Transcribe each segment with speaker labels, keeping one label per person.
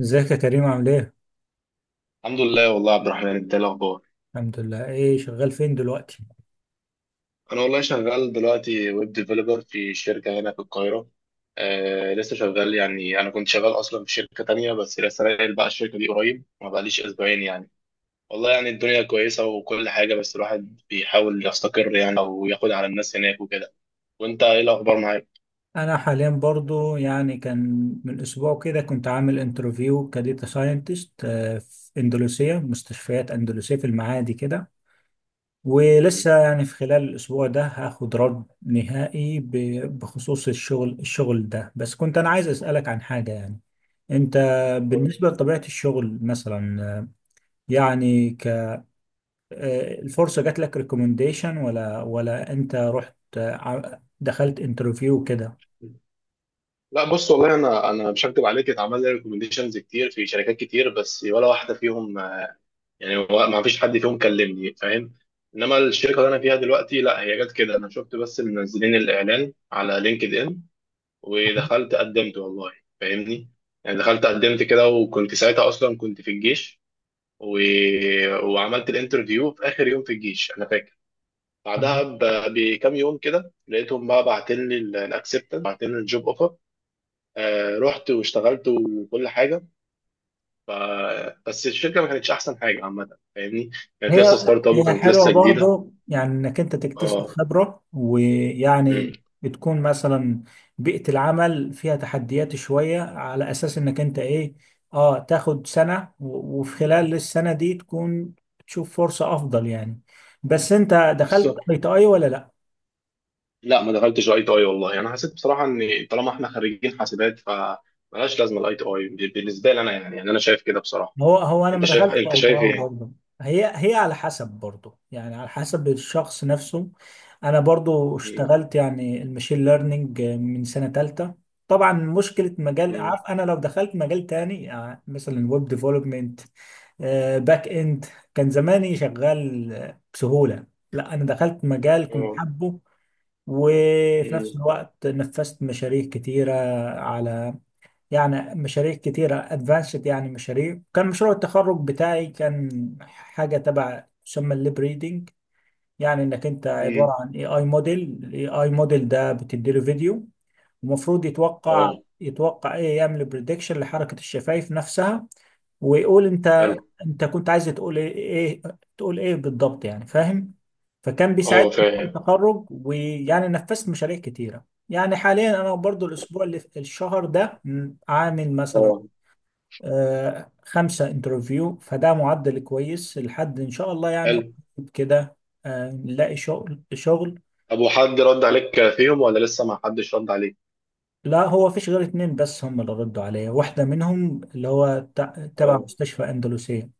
Speaker 1: ازيك يا كريم؟ عامل ايه؟
Speaker 2: الحمد لله والله يا عبد الرحمن، انت ايه الاخبار؟
Speaker 1: الحمد لله، ايه شغال فين دلوقتي؟
Speaker 2: انا والله شغال دلوقتي ويب ديفلوبر في شركه هنا في القاهره. آه لسه شغال يعني، انا كنت شغال اصلا في شركه تانية بس لسه ناقل بقى الشركه دي قريب، ما بقاليش اسبوعين يعني. والله يعني الدنيا كويسه وكل حاجه، بس الواحد بيحاول يستقر يعني، او ياخد على الناس هناك وكده. وانت ايه الاخبار معاك؟
Speaker 1: انا حاليا برضو كان من اسبوع كده كنت عامل انترفيو كديتا ساينتست في اندلسية، مستشفيات اندلسية في المعادي كده.
Speaker 2: مم.
Speaker 1: ولسه في خلال الاسبوع ده هاخد رد نهائي بخصوص الشغل ده. بس كنت انا عايز اسألك عن حاجة. انت
Speaker 2: اتفضل.
Speaker 1: بالنسبة لطبيعة الشغل مثلا، يعني الفرصة جات لك ريكومنديشن ولا انت رحت، دخلت انترفيو كده؟
Speaker 2: لا بص والله، انا مش هكدب عليك، اتعمل لي ريكومنديشنز كتير في شركات كتير، بس ولا واحده فيهم. يعني هو ما فيش حد فيهم كلمني، فاهم. انما الشركه اللي انا فيها دلوقتي لا، هي جت كده انا شفت بس منزلين الاعلان على لينكد ان ودخلت قدمت والله. فاهمني. يعني دخلت قدمت كده، وكنت ساعتها اصلا كنت في الجيش و... وعملت الانترفيو في اخر يوم في الجيش انا فاكر. بعدها بكام يوم كده لقيتهم بقى بعتلي الاكسبتنس بعتلي الجوب اوفر. آه رحت واشتغلت وكل حاجه. ف... بس الشركه ما كانتش احسن حاجه عامه. فاهمني. كانت
Speaker 1: هي
Speaker 2: لسه ستارت اب
Speaker 1: هي
Speaker 2: وكانت
Speaker 1: حلوة
Speaker 2: لسه جديده.
Speaker 1: برضه، يعني انك انت تكتسب
Speaker 2: اه
Speaker 1: خبرة، ويعني
Speaker 2: مم.
Speaker 1: بتكون مثلا بيئة العمل فيها تحديات شوية على اساس انك انت ايه، اه تاخد سنة وفي خلال السنة دي تكون تشوف فرصة افضل يعني. بس انت دخلت
Speaker 2: بالظبط.
Speaker 1: اي تي اي ولا لا؟
Speaker 2: لا ما دخلتش الاي تي اي والله، يعني انا حسيت بصراحه ان طالما احنا خريجين حاسبات فمالهاش لازمه الاي تي اي بالنسبه لي انا، يعني انا شايف كده بصراحه.
Speaker 1: هو انا
Speaker 2: انت
Speaker 1: ما
Speaker 2: شايف،
Speaker 1: دخلتش اي تي
Speaker 2: انت شايف
Speaker 1: اي
Speaker 2: ايه؟
Speaker 1: برضه. هي على حسب برضه، يعني على حسب الشخص نفسه. انا برضه
Speaker 2: مم.
Speaker 1: اشتغلت يعني المشين ليرنينج من سنه ثالثه. طبعا مشكله مجال،
Speaker 2: مم.
Speaker 1: عارف انا لو دخلت مجال تاني، يعني مثلا ويب ديفلوبمنت، باك اند، كان زماني شغال بسهوله. لا انا دخلت مجال كنت
Speaker 2: اه
Speaker 1: حابه، وفي نفس
Speaker 2: مم.
Speaker 1: الوقت نفذت مشاريع كتيره على، يعني مشاريع كتيرة ادفانسد. يعني مشاريع، كان مشروع التخرج بتاعي كان حاجة تبع تسمى الليب ريدنج. يعني انك انت عبارة
Speaker 2: مم.
Speaker 1: عن اي اي موديل، الاي اي موديل ده بتديله فيديو ومفروض يتوقع،
Speaker 2: اه
Speaker 1: يتوقع يعمل بريدكشن لحركة الشفايف نفسها، ويقول انت،
Speaker 2: حلو.
Speaker 1: انت كنت عايز تقول ايه، تقول ايه بالضبط، يعني فاهم. فكان
Speaker 2: اه
Speaker 1: بيساعدني في مشروع
Speaker 2: فاهم.
Speaker 1: التخرج، ويعني نفذت مشاريع كتيرة. يعني حاليا انا برضو الاسبوع اللي الشهر ده عامل مثلا
Speaker 2: اه
Speaker 1: 5 انترفيو، فده معدل كويس. لحد ان شاء الله يعني
Speaker 2: حلو.
Speaker 1: قريب كده نلاقي شغل.
Speaker 2: طب وحد رد عليك فيهم ولا لسه ما حدش رد عليك؟
Speaker 1: لا هو فيش غير اتنين بس هم اللي ردوا عليا، واحدة منهم اللي هو تبع
Speaker 2: اه
Speaker 1: مستشفى أندلسية.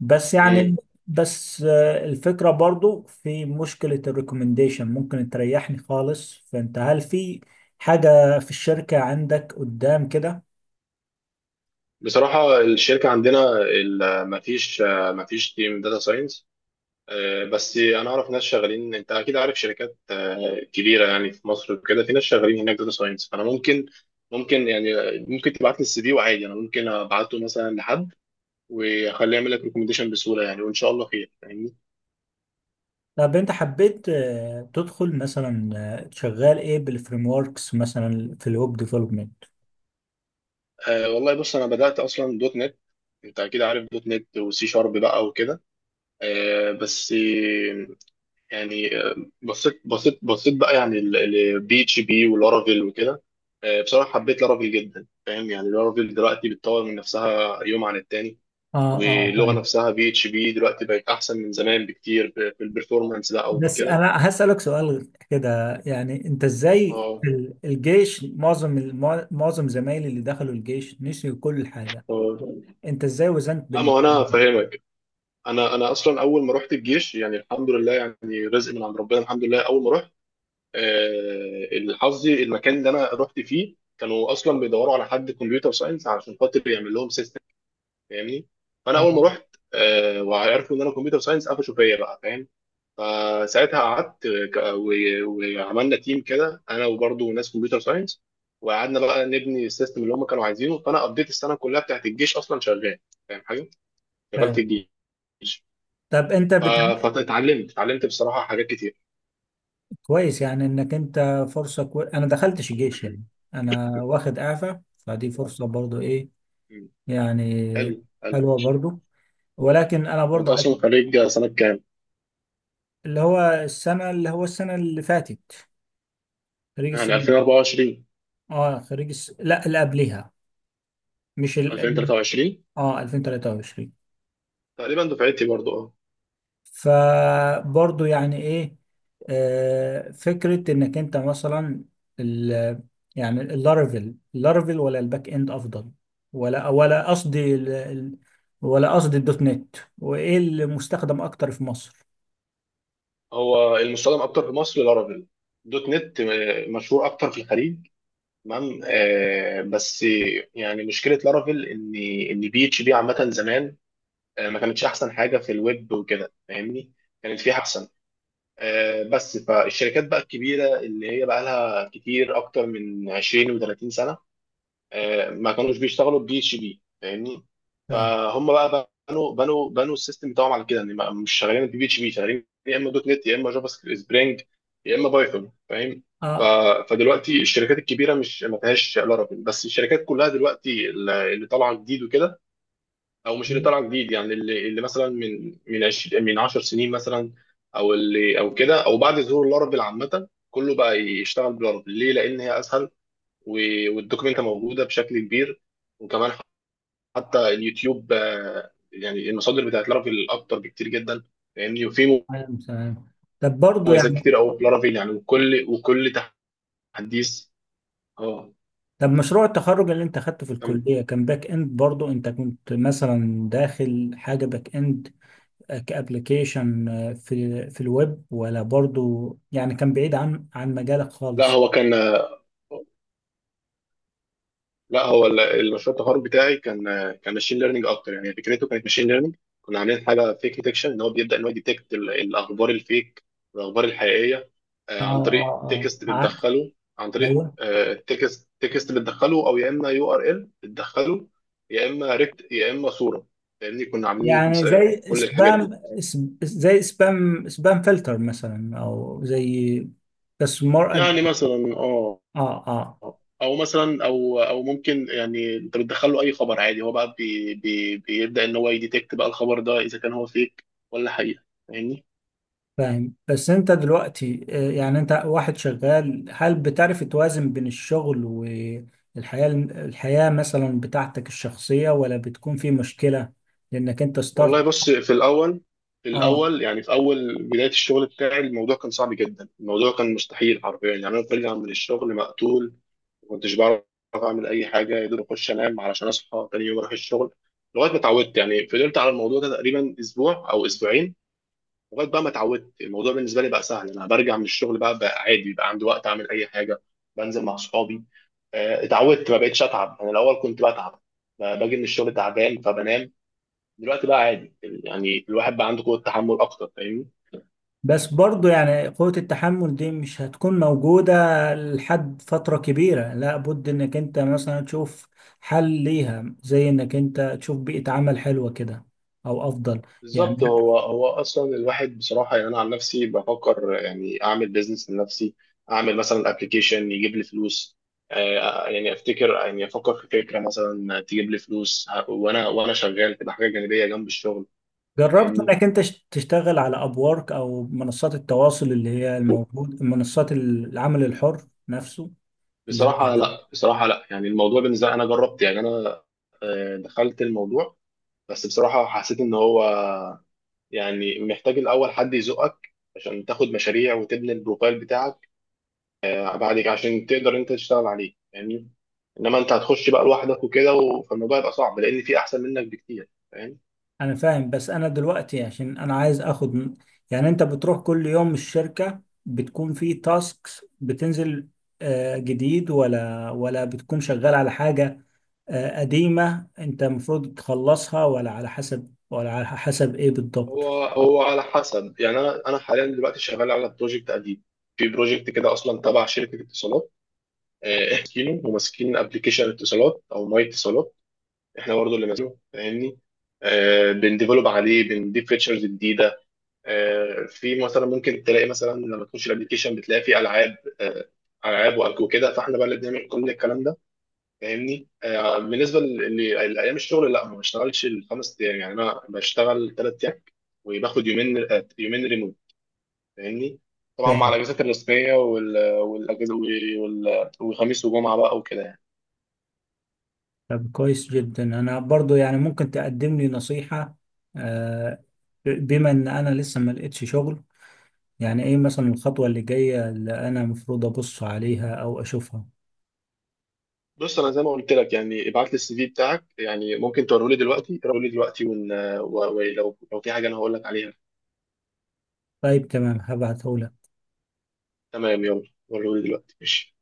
Speaker 1: بس يعني، بس الفكرة برضو في مشكلة الريكومنديشن ممكن تريحني خالص. فانت هل في حاجة في الشركة عندك قدام كده؟
Speaker 2: بصراحة الشركة عندنا مفيش، تيم داتا ساينس. بس أنا أعرف ناس شغالين، أنت أكيد عارف شركات كبيرة يعني في مصر وكده، في ناس شغالين هناك داتا ساينس، فأنا ممكن ممكن يعني ممكن تبعت لي السي في وعادي، أنا ممكن أبعته مثلا لحد وأخليه يعمل لك ريكومنديشن بسهولة يعني وإن شاء الله خير. فاهمني.
Speaker 1: طب انت حبيت تدخل مثلا شغال ايه بالفريم وركس مثلا في الويب ديفلوبمنت؟
Speaker 2: والله بص، أنا بدأت أصلا دوت نت. أنت أكيد عارف دوت نت وسي شارب بقى وكده. آه، بس يعني آه، بصيت بقى يعني لبي اتش بي ولارافيل وكده. بصراحه حبيت لارافيل جدا، فاهم يعني لارافيل دلوقتي بتطور من نفسها يوم عن التاني،
Speaker 1: اه اه
Speaker 2: واللغه
Speaker 1: فاهم.
Speaker 2: نفسها بي اتش بي دلوقتي بقت احسن من زمان بكتير في البرفورمانس ده او في
Speaker 1: بس
Speaker 2: كده.
Speaker 1: انا هسألك سؤال كده، يعني انت ازاي
Speaker 2: اه
Speaker 1: الجيش؟ معظم معظم زمايلي اللي دخلوا الجيش نسيوا كل حاجة.
Speaker 2: آه.
Speaker 1: انت ازاي وزنت
Speaker 2: لا ما
Speaker 1: بين،
Speaker 2: هو انا فاهمك. انا اصلا اول ما رحت الجيش يعني الحمد لله، يعني رزق من عند ربنا الحمد لله، اول ما رحت حظي المكان اللي انا رحت فيه كانوا اصلا بيدوروا على حد كمبيوتر ساينس عشان خاطر يعمل لهم سيستم. فاهمني. فانا اول ما
Speaker 1: اه
Speaker 2: رحت وعرفوا ان انا كمبيوتر ساينس قفشوا فيا بقى. فاهم. فساعتها قعدت وعملنا تيم كده انا وبرضه ناس كمبيوتر ساينس، وقعدنا بقى نبني السيستم اللي هم كانوا عايزينه. فانا قضيت السنه كلها بتاعت الجيش اصلا شغال. فاهم حاجه، شغال في
Speaker 1: فاهم.
Speaker 2: الجيش.
Speaker 1: طب انت
Speaker 2: ف-
Speaker 1: بت...
Speaker 2: فاتعلمت، بصراحه حاجات كتير.
Speaker 1: كويس يعني انك انت فرصة كو... انا دخلتش الجيش يعني. انا واخد اعفاء، فدي فرصة برضو ايه
Speaker 2: حلو
Speaker 1: يعني،
Speaker 2: حلو.
Speaker 1: حلوة برضو. ولكن انا
Speaker 2: وانت
Speaker 1: برضه عايز،
Speaker 2: اصلا خريج سنه كام؟
Speaker 1: اللي هو السنه، اللي فاتت. خريج
Speaker 2: يعني
Speaker 1: السنه اللي فاتت.
Speaker 2: 2024؟
Speaker 1: اه خريج الس... لا اللي قبلها، مش ال...
Speaker 2: 2023
Speaker 1: اه 2023.
Speaker 2: تقريبا دفعتي برضه أه.
Speaker 1: فبرضه يعني ايه، آه فكره انك انت مثلا ال... يعني اللارفل، اللارفل ولا الباك اند افضل؟ ولا قصدي ال... ولا قصدي الدوت نت، وايه المستخدم اكتر في مصر؟
Speaker 2: هو المستخدم اكتر في مصر لارافيل. دوت نت مشهور اكتر في الخليج. تمام آه، بس يعني مشكله لارافيل ان، بي اتش بي عامه زمان ما كانتش احسن حاجه في الويب وكده فاهمني. كانت في احسن آه، بس فالشركات بقى الكبيره اللي هي بقى لها كتير اكتر من 20 و30 سنه ما كانوش بيشتغلوا بي اتش بي. فاهمني.
Speaker 1: فاهم
Speaker 2: فهم بقى بنوا السيستم بتاعهم على كده ان مش شغالين بي اتش بي، شغالين يا اما دوت نت يا اما جافا سكريبت سبرينج يا اما بايثون. فاهم. ف-
Speaker 1: اه.
Speaker 2: فدلوقتي الشركات الكبيره مش ما فيهاش لارافيل، بس الشركات كلها دلوقتي اللي طالعه جديد وكده، او مش اللي طالعه جديد، يعني اللي مثلا من 20 من 10 سنين مثلا، او اللي او كده او بعد ظهور لارافيل عامه، كله بقى يشتغل بلارافيل ليه، لان هي اسهل والدوكيومنت موجوده بشكل كبير. وكمان حتى اليوتيوب يعني المصادر بتاعت لارافيل اكتر بكتير جدا. فاهمني. وفي
Speaker 1: تمام تمام. طب برضه
Speaker 2: مميزات
Speaker 1: يعني،
Speaker 2: كتير قوي في لارافيل يعني، وكل تحديث. اه
Speaker 1: طب مشروع التخرج اللي انت خدته في
Speaker 2: كمل.
Speaker 1: الكلية كان باك اند برضو؟ انت كنت مثلا داخل حاجة باك اند كابليكيشن في الويب، ولا برضو يعني كان بعيد عن مجالك
Speaker 2: لا
Speaker 1: خالص؟
Speaker 2: هو كان آه، لا هو المشروع التخرج بتاعي كان، ماشين ليرنينج اكتر. يعني فكرته كانت ماشين ليرنينج، كنا عاملين حاجه فيك ديتكشن ان هو بيبدا ان هو يديتكت الاخبار الفيك والاخبار الحقيقيه
Speaker 1: اه
Speaker 2: عن طريق
Speaker 1: اه
Speaker 2: تكست
Speaker 1: اه
Speaker 2: بتدخله، عن طريق
Speaker 1: ايوه.
Speaker 2: تكست بتدخله، او يا اما يو ار ال بتدخله، يا اما ريكت، يا اما صوره، لان كنا عاملين
Speaker 1: يعني زي
Speaker 2: كل الحاجات
Speaker 1: سبام،
Speaker 2: دي.
Speaker 1: اس- زي سبام فلتر مثلا، او زي، بس مور أد...
Speaker 2: يعني مثلا اه،
Speaker 1: اه اه
Speaker 2: او مثلا او او ممكن يعني انت بتدخل له اي خبر عادي هو بقى بي بي بيبدا ان هو يديتكت بقى الخبر ده اذا كان هو فيك ولا حقيقه. فاهمني.
Speaker 1: فاهم. بس انت دلوقتي يعني انت واحد شغال، هل بتعرف توازن بين الشغل الحياة مثلا بتاعتك الشخصية، ولا بتكون في مشكلة لانك انت ستارت؟
Speaker 2: والله بص في الاول،
Speaker 1: اه.
Speaker 2: يعني في اول بدايه الشغل بتاعي الموضوع كان صعب جدا. الموضوع كان مستحيل حرفيا، يعني انا برجع من الشغل مقتول، ما كنتش بعرف اعمل اي حاجه، يا دوب اخش انام علشان اصحى تاني يوم اروح الشغل لغايه ما اتعودت. يعني فضلت على الموضوع ده تقريبا اسبوع او اسبوعين، لغايه بقى ما اتعودت الموضوع بالنسبه لي بقى سهل، انا برجع من الشغل بقى عادي، بقى عندي وقت اعمل اي حاجه، بنزل مع اصحابي اتعودت، ما بقتش اتعب. انا الاول كنت بتعب، باجي من الشغل تعبان فبنام. دلوقتي بقى عادي يعني الواحد بقى عنده قوه تحمل اكتر. فاهمني.
Speaker 1: بس برضو يعني قوة التحمل دي مش هتكون موجودة لحد فترة كبيرة. لا بد انك انت مثلا تشوف حل ليها، زي انك انت تشوف بيئة عمل حلوة كده او افضل يعني.
Speaker 2: بالظبط. هو اصلا الواحد بصراحه، يعني انا عن نفسي بفكر يعني اعمل بيزنس لنفسي، اعمل مثلا ابلكيشن يجيب لي فلوس، آه، يعني افتكر يعني افكر في فكره مثلا تجيب لي فلوس وانا شغال، تبقى حاجه جانبيه جنب الشغل.
Speaker 1: جربت
Speaker 2: فاهمني.
Speaker 1: انك انت تشتغل على ابورك او منصات التواصل اللي هي الموجود، منصات العمل الحر نفسه، اللي هي،
Speaker 2: بصراحه لا، بصراحه لا. يعني الموضوع بالنسبه لي، انا جربت يعني انا دخلت الموضوع، بس بصراحه حسيت ان هو يعني محتاج الاول حد يزقك عشان تاخد مشاريع وتبني البروفايل بتاعك بعد كده عشان تقدر انت تشتغل عليه. فاهمني. انما انت هتخش بقى لوحدك وكده فالموضوع يبقى صعب لان في احسن منك بكتير. فاهم.
Speaker 1: انا فاهم. بس انا دلوقتي عشان انا عايز اخد يعني انت بتروح كل يوم الشركة بتكون في تاسكس بتنزل جديد، ولا ولا بتكون شغال على حاجة قديمة انت المفروض تخلصها، ولا على حسب؟ ولا على حسب ايه بالضبط؟
Speaker 2: هو على حسب يعني انا حاليا دلوقتي شغال على بروجكت قديم، في بروجكت كده اصلا تبع شركه اتصالات احكيله، وماسكين ابلكيشن اتصالات او ماي اتصالات، احنا برضه اللي ماسكينه. فاهمني. بنديفلوب عليه بنضيف فيتشرز جديده في مثلا ممكن تلاقي مثلا لما تخش الابلكيشن بتلاقي فيه العاب، العاب وكده، فاحنا بقى اللي بنعمل كل الكلام ده. فاهمني. بالنسبه لايام الشغل لا، ما بشتغلش الـ 5 ايام، يعني انا بشتغل 3 ايام، وباخد يومين يومين ريموت. فاهمني. طبعا مع الاجازات الرسميه والاجازه وخميس وجمعه بقى وكده يعني.
Speaker 1: طب كويس جدا. انا برضو يعني ممكن تقدم لي نصيحة؟ آه، بما ان انا لسه ما لقيتش شغل، يعني ايه مثلا الخطوة اللي جاية اللي انا المفروض ابص عليها او اشوفها؟
Speaker 2: بص انا زي ما قلت لك يعني ابعت لي السي في بتاعك، يعني ممكن توريه لي دلوقتي، وريه لي دلوقتي ولو في حاجه انا هقول لك عليها.
Speaker 1: طيب تمام، هبعتهولك.
Speaker 2: تمام يلا، وريه لي دلوقتي ماشي.